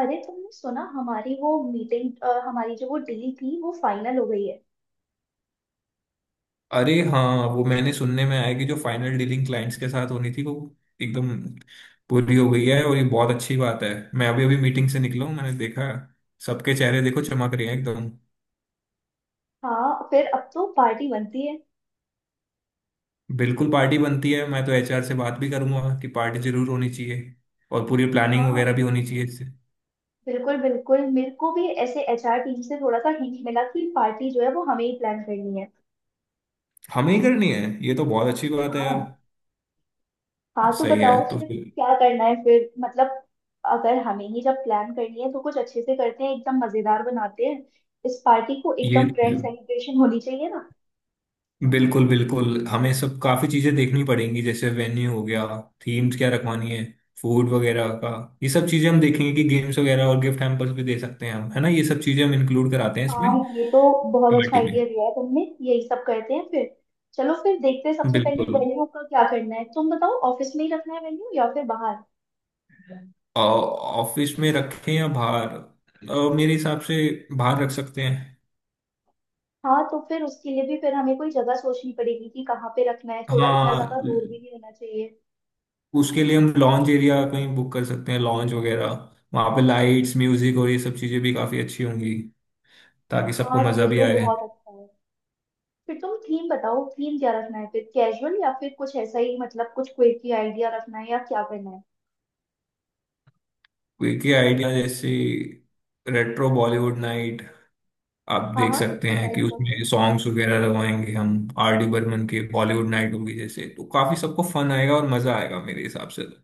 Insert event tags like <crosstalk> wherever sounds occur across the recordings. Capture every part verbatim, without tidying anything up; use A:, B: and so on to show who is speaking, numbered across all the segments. A: अरे तुमने सुना हमारी वो मीटिंग। हमारी जो वो डील थी वो फाइनल हो गई है।
B: अरे हाँ, वो मैंने सुनने में आया कि जो फाइनल डीलिंग क्लाइंट्स के साथ होनी थी, वो एकदम पूरी हो गई है। और ये बहुत अच्छी बात है। मैं अभी अभी मीटिंग से निकला हूँ, मैंने देखा सबके चेहरे देखो चमक रहे हैं एकदम।
A: हाँ, फिर अब तो पार्टी बनती है।
B: बिल्कुल पार्टी बनती है। मैं तो एचआर से बात भी करूंगा कि पार्टी जरूर होनी चाहिए और पूरी प्लानिंग वगैरह
A: हाँ,
B: भी होनी चाहिए इससे।
A: बिल्कुल बिल्कुल, मेरे को भी ऐसे एचआर टीम से थोड़ा सा हिंट मिला कि पार्टी जो है वो हमें ही प्लान करनी है।
B: हमें ही करनी है। ये तो बहुत अच्छी बात है यार।
A: हाँ, हाँ तो
B: सही है
A: बताओ
B: तो
A: फिर
B: फिर।
A: क्या करना है फिर, मतलब अगर हमें ही जब प्लान करनी है तो कुछ अच्छे से करते हैं, एकदम मजेदार बनाते हैं इस पार्टी को,
B: ये
A: एकदम ग्रैंड सेलिब्रेशन होनी चाहिए।
B: बिल्कुल बिल्कुल, हमें सब काफी चीजें देखनी पड़ेंगी। जैसे वेन्यू हो गया, थीम्स क्या रखवानी है, फूड वगैरह का। ये सब चीजें हम देखेंगे कि गेम्स वगैरह और गिफ्ट हैम्पर्स भी दे सकते हैं हम, है ना। ये सब चीजें हम इंक्लूड कराते हैं इसमें,
A: हाँ, ये तो बहुत अच्छा
B: पार्टी में।
A: आइडिया दिया है तुमने। यही सब करते हैं फिर। चलो फिर देखते हैं, सबसे पहले
B: बिल्कुल।
A: वेन्यू का क्या करना है, तुम बताओ, ऑफिस में ही रखना है वेन्यू या फिर बाहर।
B: अ, ऑफिस में रखें या बाहर, अ, मेरे हिसाब से बाहर रख सकते हैं।
A: हाँ, तो फिर उसके लिए भी फिर हमें कोई जगह सोचनी पड़ेगी कि कहाँ पे रखना है, थोड़ा इतना
B: हाँ,
A: ज्यादा दूर भी नहीं होना चाहिए।
B: उसके लिए हम लॉन्च एरिया कहीं बुक कर सकते हैं, लॉन्च वगैरह। वहाँ पे लाइट्स, म्यूजिक और ये सब चीजें भी काफी अच्छी होंगी, ताकि सबको
A: हाँ, ये
B: मजा भी
A: तो
B: आए।
A: बहुत अच्छा है। फिर तुम थीम बताओ, थीम क्या रखना है फिर, कैजुअल या फिर कुछ ऐसा ही, मतलब कुछ क्विकी आइडिया रखना है या क्या करना है।
B: वीके आइडिया जैसे रेट्रो बॉलीवुड नाइट। आप
A: हाँ
B: देख
A: हाँ,
B: सकते
A: इसी
B: हैं कि
A: टाइप का कुछ।
B: उसमें सॉन्ग्स वगैरह लगवाएंगे हम। आर डी बर्मन के बॉलीवुड नाइट होगी जैसे, तो काफी सबको फन आएगा और मजा आएगा मेरे हिसाब से तो।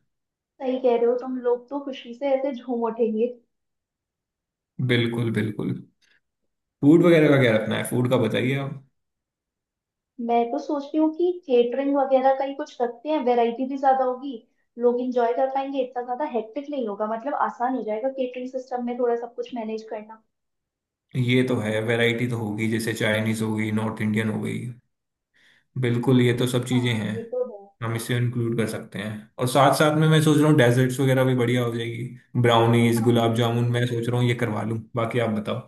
A: सही कह रहे हो, तुम लोग तो खुशी से ऐसे झूम उठेंगे।
B: बिल्कुल बिल्कुल। फूड वगैरह का क्या रखना है, फूड का बताइए आप।
A: मैं तो सोच रही हूँ कि केटरिंग वगैरह का ही कुछ रखते हैं, वैरायटी भी ज्यादा होगी, लोग इंजॉय कर पाएंगे, इतना ज्यादा हेक्टिक नहीं होगा, मतलब आसान हो जाएगा केटरिंग सिस्टम में, थोड़ा सब कुछ मैनेज करना।
B: ये तो है, वैरायटी तो होगी। जैसे चाइनीज हो गई, नॉर्थ इंडियन हो गई, बिल्कुल ये तो सब चीजें
A: हाँ
B: हैं।
A: ये तो है।
B: हम इसे इंक्लूड कर सकते हैं। और साथ साथ में मैं सोच रहा हूँ डेजर्ट्स वगैरह भी बढ़िया हो जाएगी। ब्राउनीज,
A: हाँ
B: गुलाब जामुन मैं
A: बिल्कुल।
B: सोच रहा हूँ ये करवा लूँ, बाकी आप बताओ।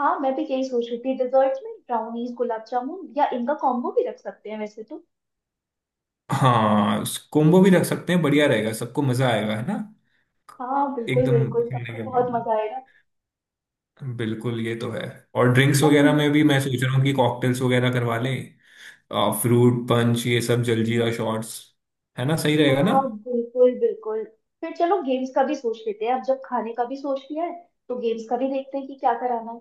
A: हाँ, मैं भी यही सोच रही थी, डिजर्ट्स में ब्राउनीज गुलाब जामुन या इनका कॉम्बो भी रख सकते हैं वैसे तो।
B: हाँ, कोम्बो भी रख सकते हैं, बढ़िया रहेगा, सबको मजा आएगा, है ना।
A: हाँ बिल्कुल
B: एकदम।
A: बिल्कुल,
B: खाने
A: सबको
B: के
A: बहुत
B: बाद
A: मजा आएगा।
B: में। बिल्कुल ये तो है। और ड्रिंक्स
A: और
B: वगैरह में भी मैं सोच रहा हूँ कि कॉकटेल्स वगैरह करवा लें, फ्रूट पंच, ये सब, जलजीरा शॉट्स। है ना, सही रहेगा ना।
A: हाँ, बिल्कुल बिल्कुल। फिर चलो गेम्स का भी सोच लेते हैं, अब जब खाने का भी सोच लिया है तो गेम्स का भी देखते हैं कि क्या कराना है।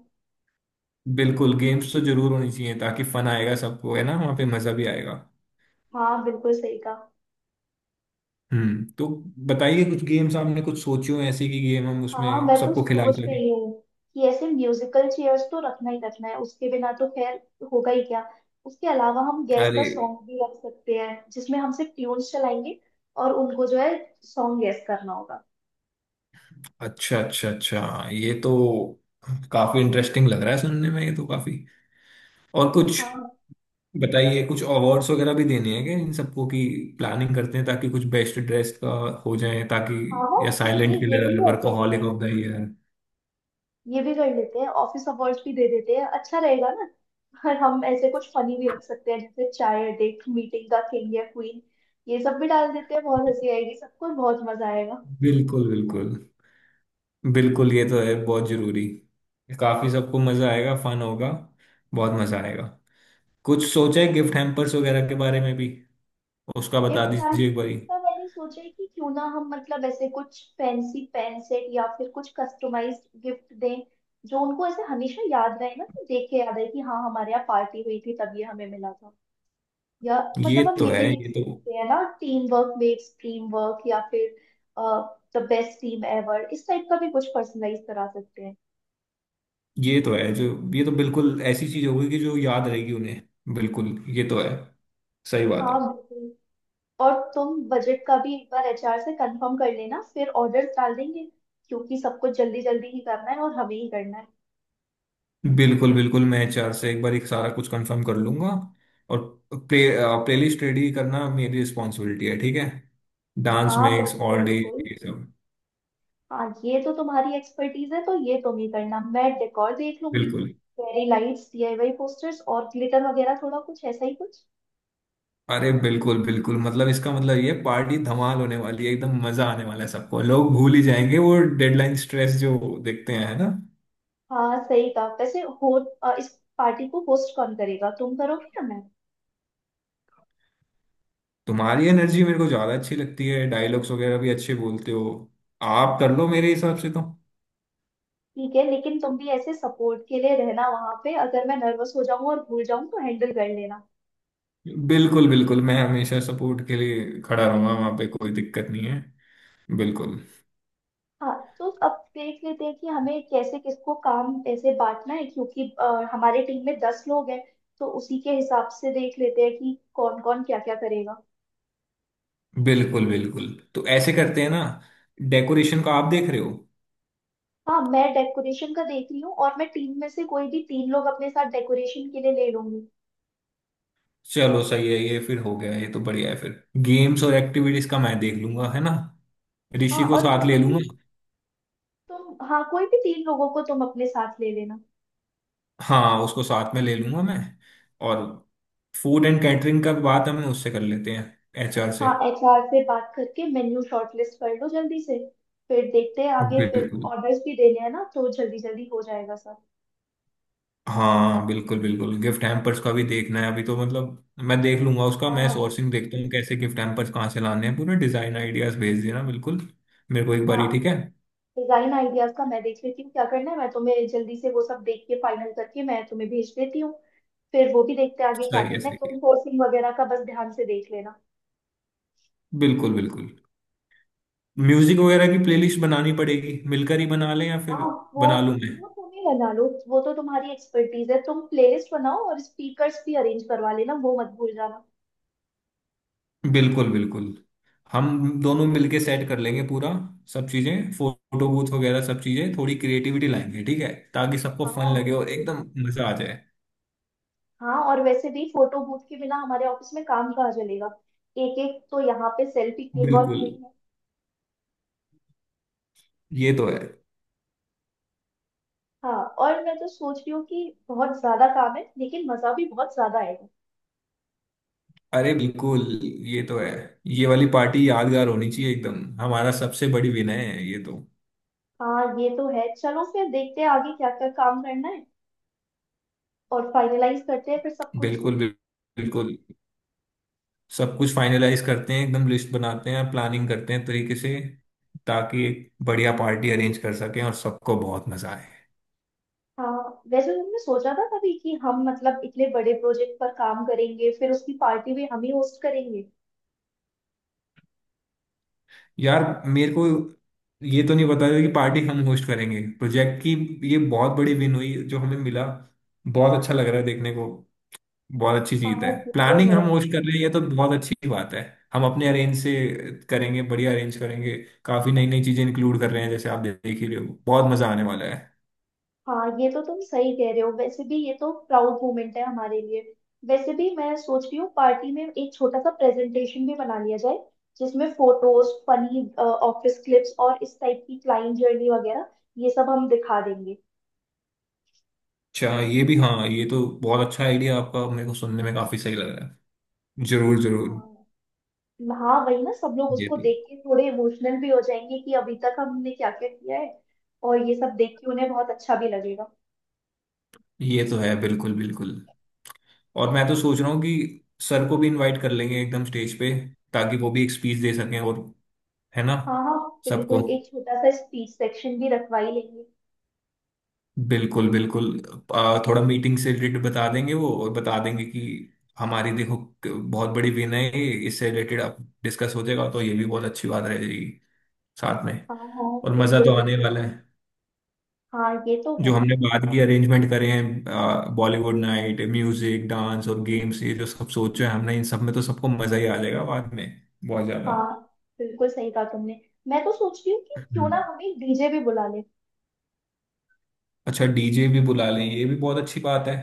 B: बिल्कुल गेम्स तो जरूर होनी चाहिए, ताकि फन आएगा सबको, है ना, वहाँ पे मजा भी आएगा।
A: हाँ बिल्कुल, सही कहा।
B: हम्म तो बताइए, कुछ गेम्स आपने कुछ सोचे हो ऐसे, की गेम हम
A: हाँ,
B: उसमें
A: मैं तो
B: सबको खिला
A: सोच
B: सके।
A: रही हूँ कि ऐसे म्यूजिकल चेयर्स तो रखना ही रखना है, उसके बिना तो खैर होगा ही क्या। उसके अलावा हम गैस
B: अरे,
A: का सॉन्ग भी रख सकते हैं, जिसमें हम सिर्फ ट्यून्स चलाएंगे और उनको जो है सॉन्ग गैस करना होगा।
B: अच्छा अच्छा अच्छा, ये तो काफी इंटरेस्टिंग लग रहा है सुनने में, ये तो काफी। और कुछ
A: हाँ
B: बताइए। कुछ अवार्ड्स वगैरह भी देने हैं क्या इन सबको, की प्लानिंग करते हैं, ताकि कुछ बेस्ट ड्रेस का हो जाए, ताकि,
A: हाँ हाँ,
B: या
A: क्यों नहीं,
B: साइलेंट
A: ये भी
B: किलर,
A: कर सकते
B: वर्कोहॉलिक
A: हैं।
B: Of the year.
A: ये भी कर लेते हैं, ऑफिस अवार्ड्स भी दे देते हैं, अच्छा रहेगा ना। और हम ऐसे कुछ फनी भी रख सकते हैं, जैसे चाय अड्डे मीटिंग का किंग या क्वीन। ये सब भी डाल देते हैं, बहुत हंसी आएगी, सबको बहुत मजा आएगा।
B: बिल्कुल बिल्कुल, बिल्कुल ये तो है, बहुत जरूरी। काफी सबको मजा आएगा, फन होगा, बहुत मजा आएगा। कुछ सोचा है गिफ्ट हैम्पर्स वगैरह के बारे में भी, उसका बता
A: गिफ्ट
B: दीजिए एक
A: हैम्पर
B: बारी।
A: का मैंने सोचा है कि क्यों ना हम, मतलब ऐसे कुछ फैंसी पेन सेट या फिर कुछ कस्टमाइज्ड गिफ्ट दें, जो उनको ऐसे हमेशा याद रहे ना, कि देख के याद है कि हाँ हमारे यहाँ पार्टी हुई थी तब ये हमें मिला था, या
B: ये
A: मतलब हम
B: तो
A: ये
B: है,
A: भी लिख
B: ये तो,
A: सकते हैं ना, team work makes dream work, या फिर द बेस्ट टीम एवर, इस टाइप का भी कुछ पर्सनलाइज करा सकते हैं।
B: ये तो है जो, ये तो बिल्कुल ऐसी चीज होगी कि जो याद रहेगी उन्हें। बिल्कुल, ये तो है, सही बात
A: हाँ
B: है।
A: बिल्कुल। और तुम बजट का भी एक बार एचआर से कंफर्म कर लेना, फिर ऑर्डर्स डाल देंगे, क्योंकि सब कुछ जल्दी जल्दी ही करना है और हमें ही करना है।
B: बिल्कुल बिल्कुल, मैं एचआर से एक बार एक सारा कुछ कंफर्म कर लूंगा। और प्ले प्लेलिस्ट रेडी करना मेरी रिस्पॉन्सिबिलिटी है, ठीक है। डांस
A: हाँ
B: मिक्स
A: बिल्कुल
B: ऑल डे,
A: बिल्कुल।
B: ये सब।
A: हाँ, ये तो तुम्हारी एक्सपर्टीज है, तो ये तुम ही करना, मैं डेकोर देख लूंगी।
B: बिल्कुल।
A: फेरी लाइट्स, डीआईवाई पोस्टर्स और ग्लिटर वगैरह, थोड़ा कुछ ऐसा ही कुछ।
B: अरे बिल्कुल बिल्कुल, मतलब इसका मतलब ये पार्टी धमाल होने वाली है, एकदम मजा आने वाला है सबको। लोग भूल ही जाएंगे वो डेडलाइन स्ट्रेस जो, देखते हैं, है ना।
A: हाँ सही कहा। वैसे हो, अ, इस पार्टी को होस्ट कौन करेगा, तुम करोगे या मैं।
B: तुम्हारी एनर्जी मेरे को ज्यादा अच्छी लगती है, डायलॉग्स वगैरह भी अच्छे बोलते हो, आप कर लो मेरे हिसाब से तो।
A: ठीक है, लेकिन तुम भी ऐसे सपोर्ट के लिए रहना वहां पे, अगर मैं नर्वस हो जाऊं और भूल जाऊं तो हैंडल कर लेना।
B: बिल्कुल बिल्कुल, मैं हमेशा सपोर्ट के लिए खड़ा रहूंगा वहां पे, कोई दिक्कत नहीं है। बिल्कुल
A: हाँ तो अब देख लेते हैं कि हमें कैसे किसको काम ऐसे बांटना है, क्योंकि अ, हमारे टीम में दस लोग हैं, तो उसी के हिसाब से देख लेते हैं कि कौन कौन क्या क्या करेगा।
B: बिल्कुल। बिल्कुल। तो ऐसे करते हैं ना, डेकोरेशन का आप देख रहे हो।
A: हाँ, मैं डेकोरेशन का देख रही हूँ और मैं टीम में से कोई भी तीन लोग अपने साथ डेकोरेशन के लिए ले लूंगी।
B: चलो सही है, ये फिर हो गया, ये तो बढ़िया है। फिर गेम्स और एक्टिविटीज का मैं देख लूंगा, है ना। ऋषि
A: हाँ,
B: को
A: और
B: साथ
A: तुम
B: ले लूंगा।
A: भी, तुम हाँ, कोई भी तीन लोगों को तुम अपने साथ ले लेना।
B: हाँ, उसको साथ में ले लूंगा मैं। और फूड एंड कैटरिंग का बात हमें उससे कर लेते हैं, एचआर से।
A: हाँ, एचआर से बात करके मेन्यू शॉर्टलिस्ट कर लो जल्दी से, फिर देखते हैं आगे, फिर
B: बिल्कुल।
A: ऑर्डर्स भी देने हैं ना, तो जल्दी जल्दी हो जाएगा सब।
B: हाँ बिल्कुल बिल्कुल, गिफ्ट हैम्पर्स का भी देखना है अभी तो, मतलब मैं देख लूंगा उसका।
A: हाँ
B: मैं
A: हाँ
B: सोर्सिंग देखता हूँ कैसे, गिफ्ट हैम्पर्स कहाँ से लाने हैं। पूरे डिजाइन आइडियाज भेज देना बिल्कुल, मेरे को एक बार
A: हाँ,
B: ही, ठीक है।
A: डिजाइन आइडियाज का मैं देख लेती हूँ क्या करना है, मैं तुम्हें जल्दी से वो सब देख के फाइनल करके मैं तुम्हें भेज देती हूँ। फिर वो भी देखते हैं आगे क्या
B: सही है,
A: करना है,
B: सही है।
A: तुम सोर्सिंग वगैरह का बस ध्यान से देख लेना।
B: बिल्कुल बिल्कुल। म्यूजिक वगैरह की प्लेलिस्ट बनानी पड़ेगी, मिलकर ही बना लें या फिर
A: हाँ, वो
B: बना लूं मैं।
A: वो तुम ही बना लो, वो तो तुम्हारी एक्सपर्टीज है, तुम प्लेलिस्ट बनाओ और स्पीकर्स भी अरेंज करवा लेना, वो मत भूल जाना।
B: बिल्कुल बिल्कुल, हम दोनों मिलके सेट कर लेंगे पूरा सब चीजें। फोटो बूथ वगैरह सब चीजें, थोड़ी क्रिएटिविटी लाएंगे, ठीक है, ताकि सबको
A: हाँ
B: फन लगे और
A: बिल्कुल।
B: एकदम मजा आ जाए।
A: हाँ, और वैसे भी फोटो बूथ के बिना हमारे ऑफिस में काम कहाँ चलेगा, एक एक तो यहाँ पे सेल्फी किंग और
B: बिल्कुल,
A: क्वीन है।
B: ये तो है।
A: हाँ, और मैं तो सोच रही हूँ कि बहुत ज्यादा काम है, लेकिन मजा भी बहुत ज्यादा आएगा।
B: अरे बिल्कुल, ये तो है। ये वाली पार्टी यादगार होनी चाहिए एकदम, हमारा सबसे बड़ी विनय है ये तो।
A: हाँ ये तो है, चलो फिर देखते हैं आगे क्या क्या काम करना है और फाइनलाइज करते हैं फिर सब कुछ।
B: बिल्कुल बिल- बिल्कुल, सब कुछ फाइनलाइज करते हैं एकदम। लिस्ट बनाते हैं, प्लानिंग करते हैं तरीके से, ताकि एक बढ़िया पार्टी अरेंज कर सकें और सबको बहुत मजा आए।
A: हाँ, वैसे तुमने सोचा था कभी कि हम, मतलब इतने बड़े प्रोजेक्ट पर काम करेंगे फिर उसकी पार्टी भी हम ही होस्ट करेंगे।
B: यार मेरे को ये तो नहीं पता था कि पार्टी हम होस्ट करेंगे प्रोजेक्ट की। ये बहुत बड़ी विन हुई जो हमें मिला, बहुत अच्छा लग रहा है देखने को। बहुत अच्छी
A: हाँ
B: चीज है,
A: ये तो
B: प्लानिंग
A: है।
B: हम होस्ट कर रहे हैं, ये तो बहुत अच्छी बात है। हम अपने अरेंज से करेंगे, बढ़िया अरेंज करेंगे। काफी नई नई चीजें इंक्लूड कर रहे हैं, जैसे आप देख ही रहे हो, बहुत मजा आने वाला है।
A: हाँ, ये तो तुम सही कह रहे हो, वैसे भी ये तो प्राउड मोमेंट है हमारे लिए। वैसे भी मैं सोच रही हूँ, पार्टी में एक छोटा सा प्रेजेंटेशन भी बना लिया जाए, जिसमें फोटोज, फनी ऑफिस क्लिप्स और इस टाइप की क्लाइंट जर्नी वगैरह, ये सब हम दिखा देंगे।
B: अच्छा ये भी, हाँ, ये तो बहुत अच्छा आइडिया आपका, मेरे को सुनने में काफी सही लग रहा है। जरूर जरूर।
A: हाँ हाँ, वही ना, सब लोग
B: ये
A: उसको
B: तो,
A: देख के थोड़े इमोशनल भी हो जाएंगे कि अभी तक हमने क्या क्या किया है, और ये सब देख के उन्हें बहुत अच्छा भी लगेगा।
B: ये तो है, बिल्कुल बिल्कुल। और मैं तो सोच रहा हूँ कि सर को भी इनवाइट कर लेंगे एकदम स्टेज पे, ताकि वो भी एक स्पीच दे सकें, और, है ना।
A: हाँ हाँ,
B: सबको,
A: बिल्कुल, एक छोटा सा स्पीच सेक्शन भी रखवा ही लेंगे।
B: बिल्कुल बिल्कुल। आ, थोड़ा मीटिंग से रिलेटेड बता देंगे वो, और बता देंगे कि हमारी देखो क- बहुत बड़ी विन है ये, इससे रिलेटेड आप डिस्कस हो जाएगा, तो ये भी बहुत अच्छी बात रह जाएगी, साथ में।
A: हाँ हाँ
B: और मज़ा
A: बिल्कुल
B: तो आने
A: बिल्कुल।
B: वाला है।
A: हाँ ये तो
B: जो
A: है।
B: हमने बाद की अरेंजमेंट करे हैं, बॉलीवुड नाइट, म्यूजिक, डांस और गेम्स, ये जो सब सोचे हैं हमने, इन सब में तो सबको मज़ा ही आ जाएगा बाद में, बहुत ज़्यादा।
A: हाँ, बिल्कुल सही कहा तुमने। मैं तो सोच रही हूँ कि क्यों ना
B: हम्म।
A: हम एक डीजे भी बुला लें।
B: अच्छा डीजे भी बुला लें, ये भी बहुत अच्छी बात है।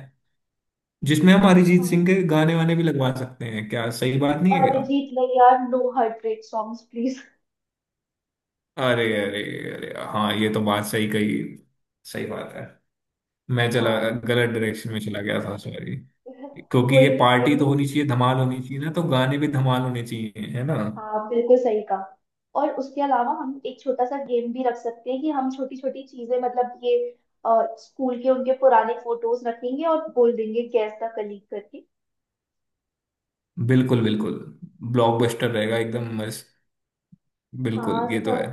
B: जिसमें हम अरिजीत सिंह
A: हाँ,
B: के गाने वाने भी लगवा सकते हैं, क्या सही बात नहीं है।
A: अरिजीत ने यार, no heartbreak songs please.
B: अरे अरे, अरे हाँ, ये तो बात सही कही, सही बात है। मैं चला,
A: हाँ
B: गलत डायरेक्शन में चला गया था, सॉरी।
A: <laughs>
B: क्योंकि
A: कोई
B: ये
A: नहीं कोई
B: पार्टी तो
A: नहीं।
B: होनी चाहिए, धमाल होनी चाहिए ना, तो गाने भी धमाल होने चाहिए, है ना।
A: हाँ बिल्कुल सही कहा। और उसके अलावा हम एक छोटा सा गेम भी रख सकते हैं, कि हम छोटी छोटी चीजें, मतलब ये अ, स्कूल के उनके पुराने फोटोज रखेंगे और बोल देंगे गैस का कलीग करके।
B: बिल्कुल बिल्कुल, ब्लॉकबस्टर रहेगा एकदम मस्त,
A: हाँ,
B: बिल्कुल ये तो है।
A: सब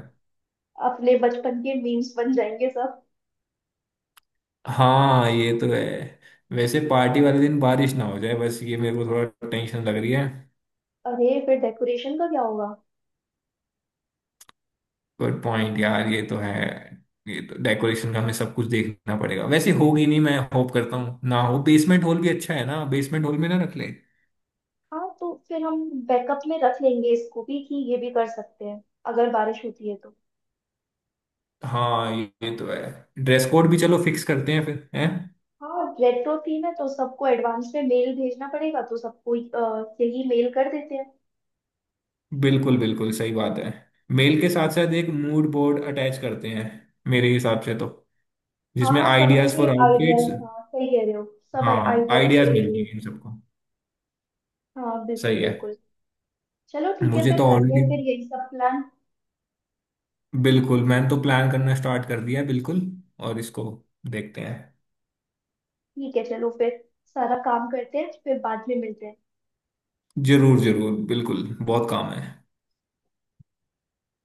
A: अपने बचपन के मीम्स बन जाएंगे सब।
B: हाँ ये तो है, वैसे पार्टी वाले दिन बारिश ना हो जाए, बस ये मेरे को थोड़ा टेंशन लग रही है।
A: अरे फिर डेकोरेशन का क्या होगा।
B: गुड पॉइंट यार, ये तो है। ये तो डेकोरेशन का हमें सब कुछ देखना पड़ेगा। वैसे होगी नहीं, मैं होप करता हूँ ना हो। बेसमेंट हॉल भी अच्छा है ना, बेसमेंट हॉल में ना रख ले।
A: हाँ, तो फिर हम बैकअप में रख लेंगे इसको भी, कि ये भी कर सकते हैं अगर बारिश होती है तो।
B: हाँ ये ये तो है। ड्रेस कोड भी चलो फिक्स करते हैं फिर हैं।
A: हाँ, रेट्रो थीम है तो सबको एडवांस में मेल भेजना पड़ेगा, तो सबको अ, यही मेल कर देते हैं।
B: बिल्कुल बिल्कुल, सही बात है। मेल के साथ साथ एक मूड बोर्ड अटैच करते हैं मेरे हिसाब से तो,
A: हाँ
B: जिसमें
A: हाँ, सब
B: आइडियाज
A: अपने
B: फॉर आउटफिट्स।
A: आइडियाज, हाँ सही कह रहे हो, सब
B: हाँ,
A: आइडियाज
B: आइडियाज
A: दे
B: मिल
A: देंगे।
B: जाएंगे इन सबको।
A: हाँ बिल्कुल
B: सही है।
A: बिल्कुल। चलो ठीक है,
B: मुझे
A: फिर
B: तो
A: करते
B: ऑलरेडी,
A: हैं फिर यही सब प्लान।
B: बिल्कुल मैंने तो प्लान करना स्टार्ट कर दिया है, बिल्कुल। और इसको देखते हैं।
A: ठीक है चलो फिर, सारा काम करते हैं, फिर बाद में मिलते हैं।
B: जरूर जरूर, बिल्कुल बहुत काम है।